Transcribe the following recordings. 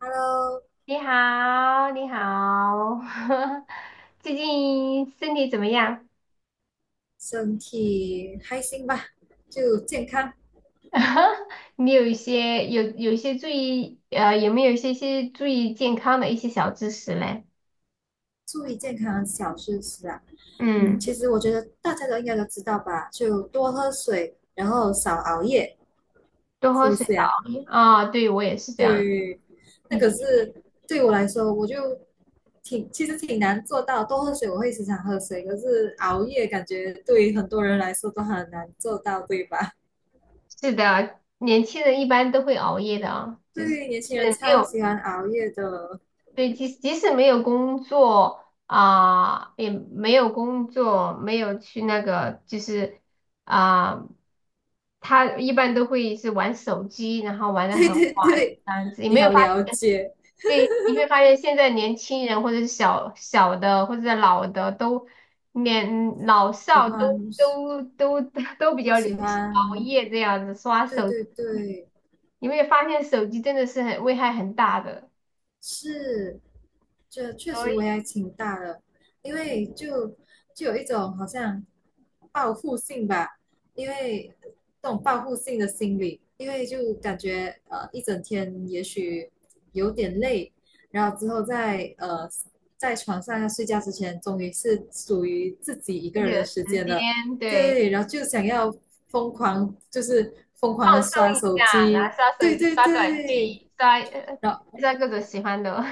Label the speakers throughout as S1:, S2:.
S1: Hello。
S2: 你好，你好，最近身体怎么样？
S1: 身体开心吧，就健康，
S2: 你有一些有有一些注意呃，有没有一些注意健康的一些小知识嘞？
S1: 注意健康小事是啊。
S2: 嗯，
S1: 其实我觉得大家都应该都知道吧，就多喝水，然后少熬夜，
S2: 多
S1: 是
S2: 喝
S1: 不
S2: 水，
S1: 是
S2: 少
S1: 呀？
S2: 熬夜啊，对我也是这样。
S1: 对，那
S2: 以
S1: 可
S2: 前
S1: 是对我来说，我就其实挺难做到。多喝水我会时常喝水，可是熬夜感觉对很多人来说都很难做到，对吧？
S2: 是的，年轻人一般都会熬夜的啊，就是
S1: 对，年轻人
S2: 没
S1: 超
S2: 有
S1: 喜欢熬夜的。
S2: 对，即使没有工作啊、也没有工作，没有去那个就是。啊、他一般都会是玩手机，然后玩 的
S1: 对
S2: 很
S1: 对
S2: 滑
S1: 对，
S2: 这样子。你
S1: 你
S2: 没有
S1: 好
S2: 发
S1: 了
S2: 现？
S1: 解。
S2: 对，你会发现现在年轻人或者是小小的或者是老的都年老
S1: 喜
S2: 少都
S1: 欢，
S2: 都都 都比
S1: 都
S2: 较流
S1: 喜
S2: 行熬
S1: 欢，
S2: 夜这样子刷
S1: 对
S2: 手机。
S1: 对对，
S2: 你会发现手机真的是很危害很大的。
S1: 是，这确
S2: 所
S1: 实危
S2: 以，
S1: 害挺大的，因为就有一种好像报复性吧，因为这种报复性的心理，因为就感觉一整天也许有点累，然后之后在床上要睡觉之前，终于是属于自己一个
S2: 自己
S1: 人的
S2: 的
S1: 时
S2: 时
S1: 间了。
S2: 间。对，
S1: 对，然后就想要疯狂，就是疯狂
S2: 放
S1: 的
S2: 松
S1: 刷
S2: 一
S1: 手
S2: 下，然
S1: 机，
S2: 后刷
S1: 对
S2: 手机、
S1: 对
S2: 刷短剧、
S1: 对。
S2: 刷呃
S1: 然后
S2: 刷各种喜欢的。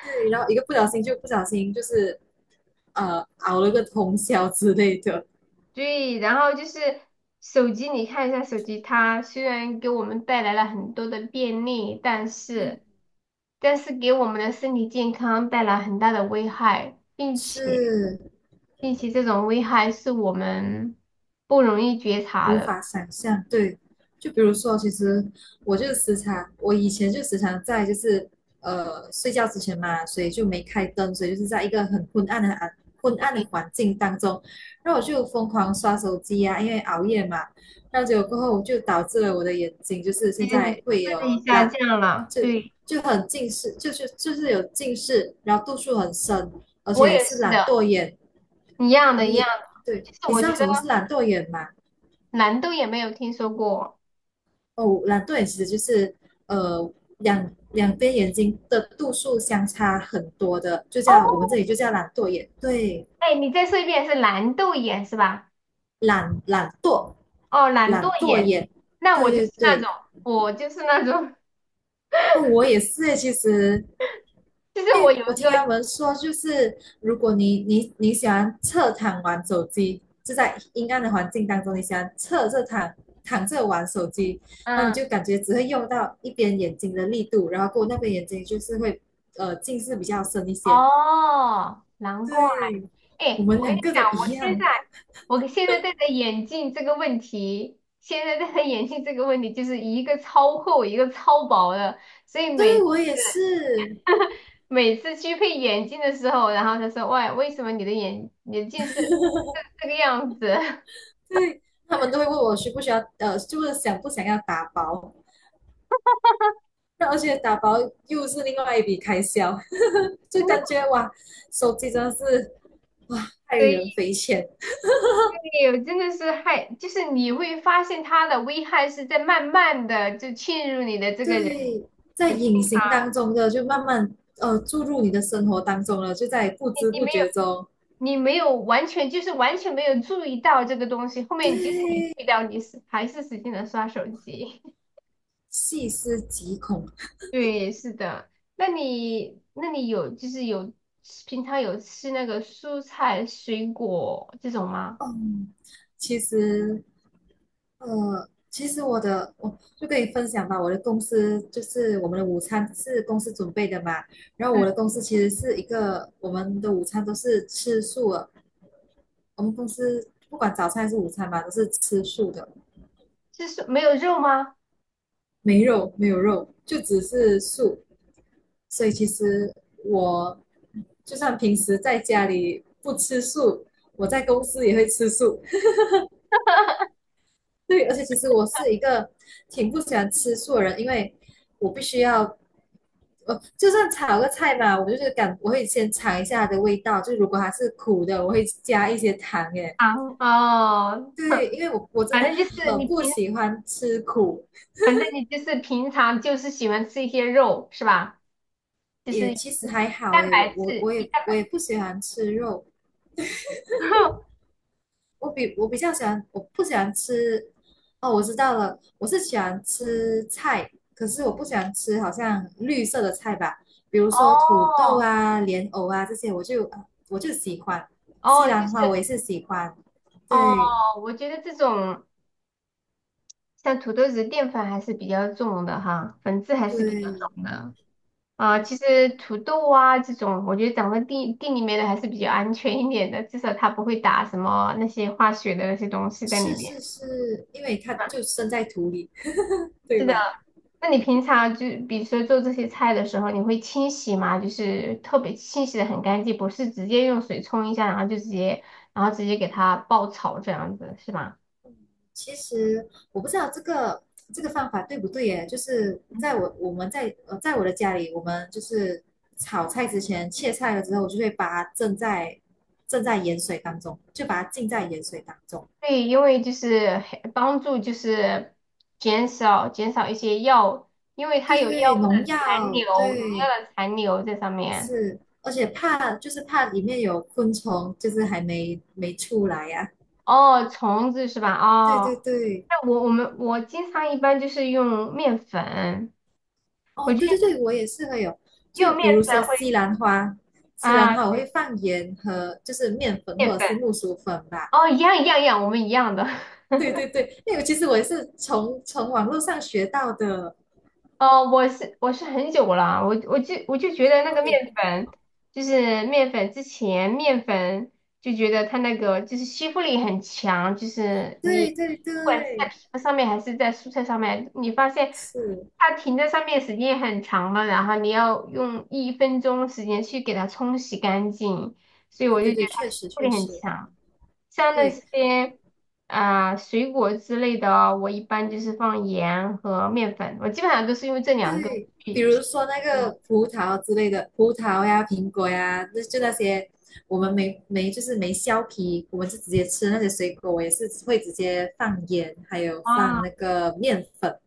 S1: 对，然后一个不小心就是熬了个通宵之类的。
S2: 对，然后就是手机，你看一下手机，它虽然给我们带来了很多的便利，但是
S1: 嗯
S2: 但是给我们的身体健康带来很大的危害，并且
S1: 是
S2: 并且这种危害是我们不容易觉察
S1: 无
S2: 的。
S1: 法想象。对，就比如说，其实我以前就时常在就是睡觉之前嘛，所以就没开灯，所以就是在一个很昏暗的环境当中，然后我就疯狂刷手机啊，因为熬夜嘛，然后结果过后就导致了我的眼睛就是
S2: 其
S1: 现
S2: 实你
S1: 在
S2: 的
S1: 会
S2: 视力下
S1: 懒，
S2: 降了。
S1: 就
S2: 对，
S1: 就很近视，就是有近视，然后度数很深，而
S2: 我
S1: 且
S2: 也
S1: 是
S2: 是
S1: 懒
S2: 的，
S1: 惰眼。
S2: 一样的，一样
S1: 你
S2: 的。
S1: 对，
S2: 其实
S1: 你
S2: 我
S1: 知
S2: 觉
S1: 道什
S2: 得
S1: 么是懒惰眼吗？
S2: 蓝豆也没有听说过。
S1: 哦，懒惰眼其实就是呃两边眼睛的度数相差很多的，就
S2: 哦，
S1: 叫我们这里就叫懒惰眼。对，
S2: 哎，你再说一遍，是蓝豆眼是吧？
S1: 懒惰，
S2: 哦，懒惰
S1: 懒惰
S2: 眼。
S1: 眼。
S2: 那我
S1: 对
S2: 就
S1: 对
S2: 是那
S1: 对，
S2: 种，我就是那种，
S1: 那我也是诶，其实
S2: 就是
S1: 因
S2: 我
S1: 为
S2: 有
S1: 我
S2: 一
S1: 听他
S2: 个。
S1: 们说，就是如果你喜欢侧躺玩手机，就在阴暗的环境当中，你喜欢侧着躺着玩手机，那你
S2: 嗯，
S1: 就感觉只会用到一边眼睛的力度，然后过后那边眼睛就是会近视比较深一些。
S2: 哦，难怪。
S1: 对，我
S2: 哎，
S1: 们
S2: 我跟
S1: 两
S2: 你
S1: 个都
S2: 讲，
S1: 一样。
S2: 我现在戴的眼镜这个问题，现在戴的眼镜这个问题，就是一个超厚，一个超薄的，所以
S1: 对
S2: 每
S1: 我也是。
S2: 每次去配眼镜的时候，然后他说，喂，为什么你的眼镜是这个样子？
S1: 对，他们都会问我需不需要就是想不想要打包。那而且打包又是另外一笔开销，就感觉哇，手机真的是哇，害 人
S2: 以。
S1: 匪浅。
S2: 对，真的是害，就是你会发现它的危害是在慢慢的就侵入你的这个人。
S1: 对，在
S2: 你
S1: 隐形当中的就慢慢注入你的生活当中了，就在不知
S2: 你
S1: 不
S2: 没有
S1: 觉中。
S2: 你没有完全没有注意到这个东西，后面即使你注
S1: 对，
S2: 意到，你是还是使劲的刷手机。
S1: 细思极恐。
S2: 对，是的。那你有就是有平常有吃那个蔬菜水果这种吗？
S1: 嗯，其实其实我就跟你分享吧，我的公司就是我们的午餐是公司准备的嘛，然后
S2: 嗯，
S1: 我的公司其实是一个我们的午餐都是吃素的，我们公司不管早餐还是午餐嘛，都是吃素的，
S2: 就是没有肉吗？
S1: 没有肉，就只是素。所以其实我就算平时在家里不吃素，我在公司也会吃素。对，而且其实我是一个挺不喜欢吃素的人，因为我必须要，就算炒个菜嘛，我就是感我会先尝一下它的味道，就如果它是苦的，我会加一些糖。耶。
S2: 啊，哦，
S1: 对，因为我真
S2: 反
S1: 的
S2: 正就是
S1: 很
S2: 你
S1: 不
S2: 平
S1: 喜欢吃苦，
S2: 反正你就是平常就是喜欢吃一些肉是吧？就
S1: 也
S2: 是
S1: 其实还好
S2: 蛋
S1: 耶，我
S2: 白
S1: 我
S2: 质，
S1: 我
S2: 一
S1: 也
S2: 蛋
S1: 我
S2: 白，
S1: 也不喜欢吃肉，我比较喜欢，我不喜欢吃。哦，我知道了，我是喜欢吃菜，可是我不喜欢吃好像绿色的菜吧，比如说土豆
S2: 哦
S1: 啊、莲藕啊这些，我就喜欢。西
S2: 哦，就
S1: 兰花我
S2: 是
S1: 也是喜欢，
S2: 哦，
S1: 对
S2: 我觉得这种像土豆子淀粉还是比较重的哈，粉质还是比较
S1: 对，
S2: 重的啊。其实土豆啊这种，我觉得长在地里面的还是比较安全一点的，至少它不会打什么那些化学的那些东西在里
S1: 是
S2: 面。
S1: 是是，因为它就生在土里，对
S2: 是的，
S1: 吧？
S2: 那你平常就比如说做这些菜的时候，你会清洗吗？就是特别清洗的很干净，不是直接用水冲一下，然后就直接，然后直接给它爆炒这样子，是吗？
S1: 其实我不知道这个方法对不对耶，就是在我们在我的家里，我们就是炒菜之前切菜了之后，我就会把它浸在盐水当中，就把它浸在盐水当中。
S2: 对，因为就是很帮助就是减少一些药，因为它
S1: 对对
S2: 有药
S1: 对，
S2: 物
S1: 农
S2: 的残
S1: 药，
S2: 留，农
S1: 对
S2: 药的残留在上面。
S1: 是，而且怕就是怕里面有昆虫，就是还没出来呀、
S2: 哦，虫子是吧？
S1: 对
S2: 哦，
S1: 对对，
S2: 那我经常一般就是用面粉，我
S1: 哦，
S2: 觉
S1: 对对
S2: 得
S1: 对，我也是会有。
S2: 用
S1: 就
S2: 面
S1: 比如
S2: 粉
S1: 说
S2: 会。
S1: 西
S2: 啊。
S1: 兰花我会放盐和就是面粉
S2: 面
S1: 或者
S2: 粉
S1: 是木薯粉吧。
S2: 哦，一样一样一样，我们一样的。
S1: 对对对，那个其实我也是从网络上学到的。
S2: 哦，我是很久了，我就觉得那
S1: 哦，
S2: 个面粉，就是面粉之前面粉就觉得它那个就是吸附力很强，就是你
S1: 对
S2: 不
S1: 对
S2: 管是在
S1: 对，
S2: 皮肤上面还是在蔬菜上面，你发现
S1: 是，
S2: 它停在上面时间很长了，然后你要用1分钟时间去给它冲洗干净，所以
S1: 对
S2: 我就
S1: 对
S2: 觉
S1: 对，
S2: 得它
S1: 确
S2: 吸
S1: 实
S2: 附力
S1: 确
S2: 很
S1: 实，
S2: 强。像那
S1: 对。
S2: 些水果之类的哦，我一般就是放盐和面粉，我基本上都是用这两个
S1: 对，
S2: 去
S1: 比如
S2: 切
S1: 说那个
S2: 嘛。
S1: 葡萄啊之类的，葡萄呀、苹果呀，那那些我们没没就是没削皮，我们是直接吃那些水果，我也是会直接放盐，还有放
S2: 啊，
S1: 那个面粉，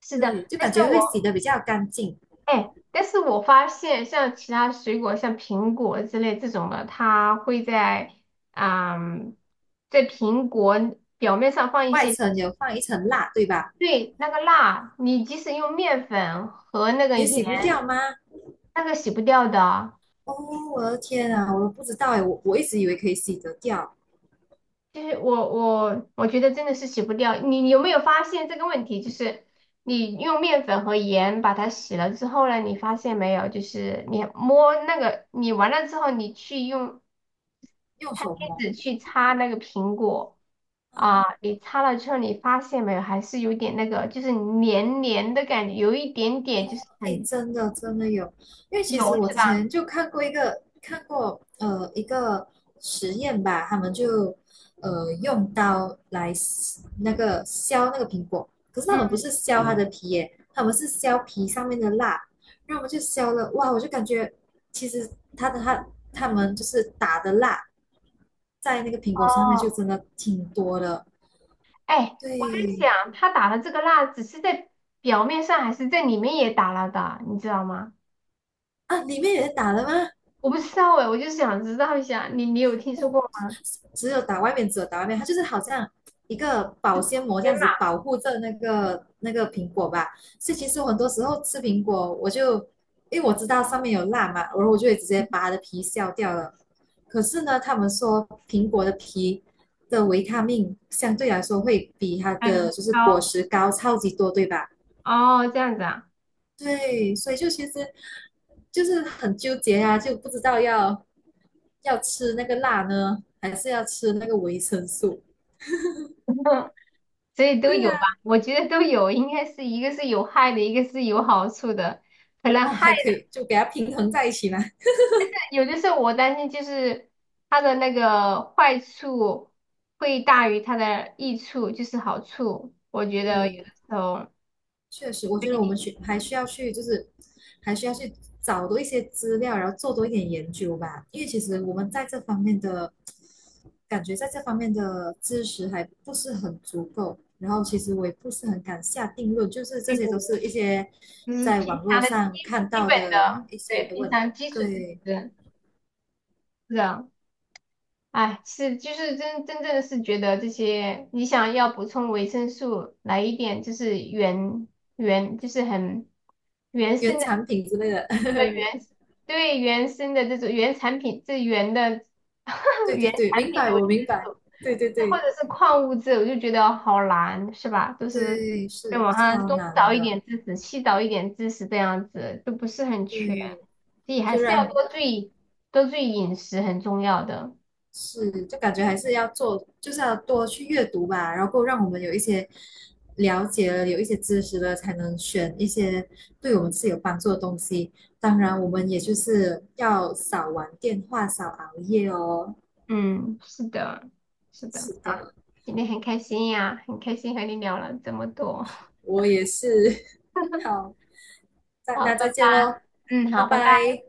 S2: 是
S1: 对，
S2: 的，
S1: 就感觉会洗的比较干净，
S2: 但是我发现像其他水果，像苹果之类这种的，它会啊、在苹果表面上放一
S1: 外
S2: 些，
S1: 层有放一层蜡，对吧？
S2: 对，那个蜡，你即使用面粉和那个
S1: 也
S2: 盐，
S1: 洗不掉吗？
S2: 那个洗不掉的。
S1: 哦，我的天啊，我不知道哎，我一直以为可以洗得掉，
S2: 就是我觉得真的是洗不掉。你有没有发现这个问题？就是你用面粉和盐把它洗了之后呢，你发现没有？就是你摸那个，你完了之后，你去用
S1: 用
S2: 餐
S1: 手
S2: 巾
S1: 摸。
S2: 纸去擦那个苹果啊，
S1: 哦
S2: 你擦了之后，你发现没有？还是有点那个，就是黏黏的感觉，有一点点就是
S1: 哎，
S2: 很
S1: 真的真的有，因为其实
S2: 油，
S1: 我
S2: 是
S1: 之
S2: 吧？
S1: 前就看过一个实验吧，他们就用刀来撕那个削那个苹果，可是他们不
S2: 嗯，
S1: 是削它的皮耶，他们是削皮上面的蜡，然后我们就削了，哇，我就感觉其实他的他他们就是打的蜡在那个苹果上面
S2: 哦，
S1: 就真的挺多的，
S2: 哎，我在
S1: 对
S2: 想，他打了这个蜡，只是在表面上，还是在里面也打了的，你知道吗？
S1: 啊，里面也打了吗？
S2: 我不知道哎，我就是想知道一下，你有听说
S1: 不
S2: 过吗？
S1: 只有打外面，只有打外面，它就是好像一个保鲜膜这
S2: 天
S1: 样
S2: 马
S1: 子保护着那个苹果吧。所以其实我很多时候吃苹果，因为我知道上面有蜡嘛，然后我就会直接把它的皮削掉了。可是呢，他们说苹果的皮的维他命相对来说会比它
S2: 还有很
S1: 的就是果
S2: 高
S1: 实高超级多，对吧？
S2: 哦，这样子啊。
S1: 对，所以就其实就是很纠结啊，就不知道要吃那个辣呢，还是要吃那个维生素。
S2: 所以都
S1: 对
S2: 有
S1: 啊，
S2: 吧？我觉得都有，应该是一个是有害的，一个是有好处的。可能
S1: 哦，
S2: 害
S1: 还可
S2: 的，
S1: 以就给它平衡在一起嘛。
S2: 有的时候我担心就是它的那个坏处会大于它的益处，就是好处。我觉得有的
S1: 对，
S2: 时候，
S1: 确实，我觉得我们去还需要去，就是还需要去找多一些资料，然后做多一点研究吧。因为其实我们在这方面的知识还不是很足够。然后其实我也不是很敢下定论，就是这
S2: 对，
S1: 些都是一些
S2: 就是
S1: 在
S2: 平
S1: 网络
S2: 常的
S1: 上
S2: 基
S1: 看
S2: 基
S1: 到
S2: 本
S1: 的
S2: 的，
S1: 一些
S2: 对，平
S1: 问，
S2: 常基础知
S1: 对，
S2: 识，是的。哎，是，就是真正的是觉得这些，你想要补充维生素，来一点就是原，就是很原生
S1: 原
S2: 的，
S1: 产品之类的。
S2: 呃原，对，原生的这种原产品，这原的
S1: 对
S2: 原
S1: 对对，
S2: 产
S1: 明
S2: 品
S1: 白，
S2: 的维
S1: 我明
S2: 生
S1: 白。
S2: 素，
S1: 对对
S2: 或
S1: 对
S2: 者是矿物质，我就觉得好难，是吧？都是
S1: 对，
S2: 在
S1: 是
S2: 网上
S1: 超
S2: 东
S1: 难
S2: 找一
S1: 的。
S2: 点知识，西找一点知识，这样子都不是很全，
S1: 对，
S2: 所以还
S1: 就
S2: 是要
S1: 让
S2: 多注意饮食，很重要的。
S1: 是，就感觉还是要做，就是要多去阅读吧，然后让我们有一些了解了，有一些知识了，才能选一些对我们自己有帮助的东西。当然，我们也就是要少玩电话，少熬夜哦。
S2: 嗯，是的，是的，
S1: 是
S2: 啊，
S1: 的，
S2: 今天很开心呀，很开心和你聊了这么多，
S1: 我也是。好，再
S2: 好，
S1: 那
S2: 拜
S1: 再
S2: 拜，
S1: 见喽，
S2: 嗯，
S1: 拜
S2: 好，拜拜。
S1: 拜。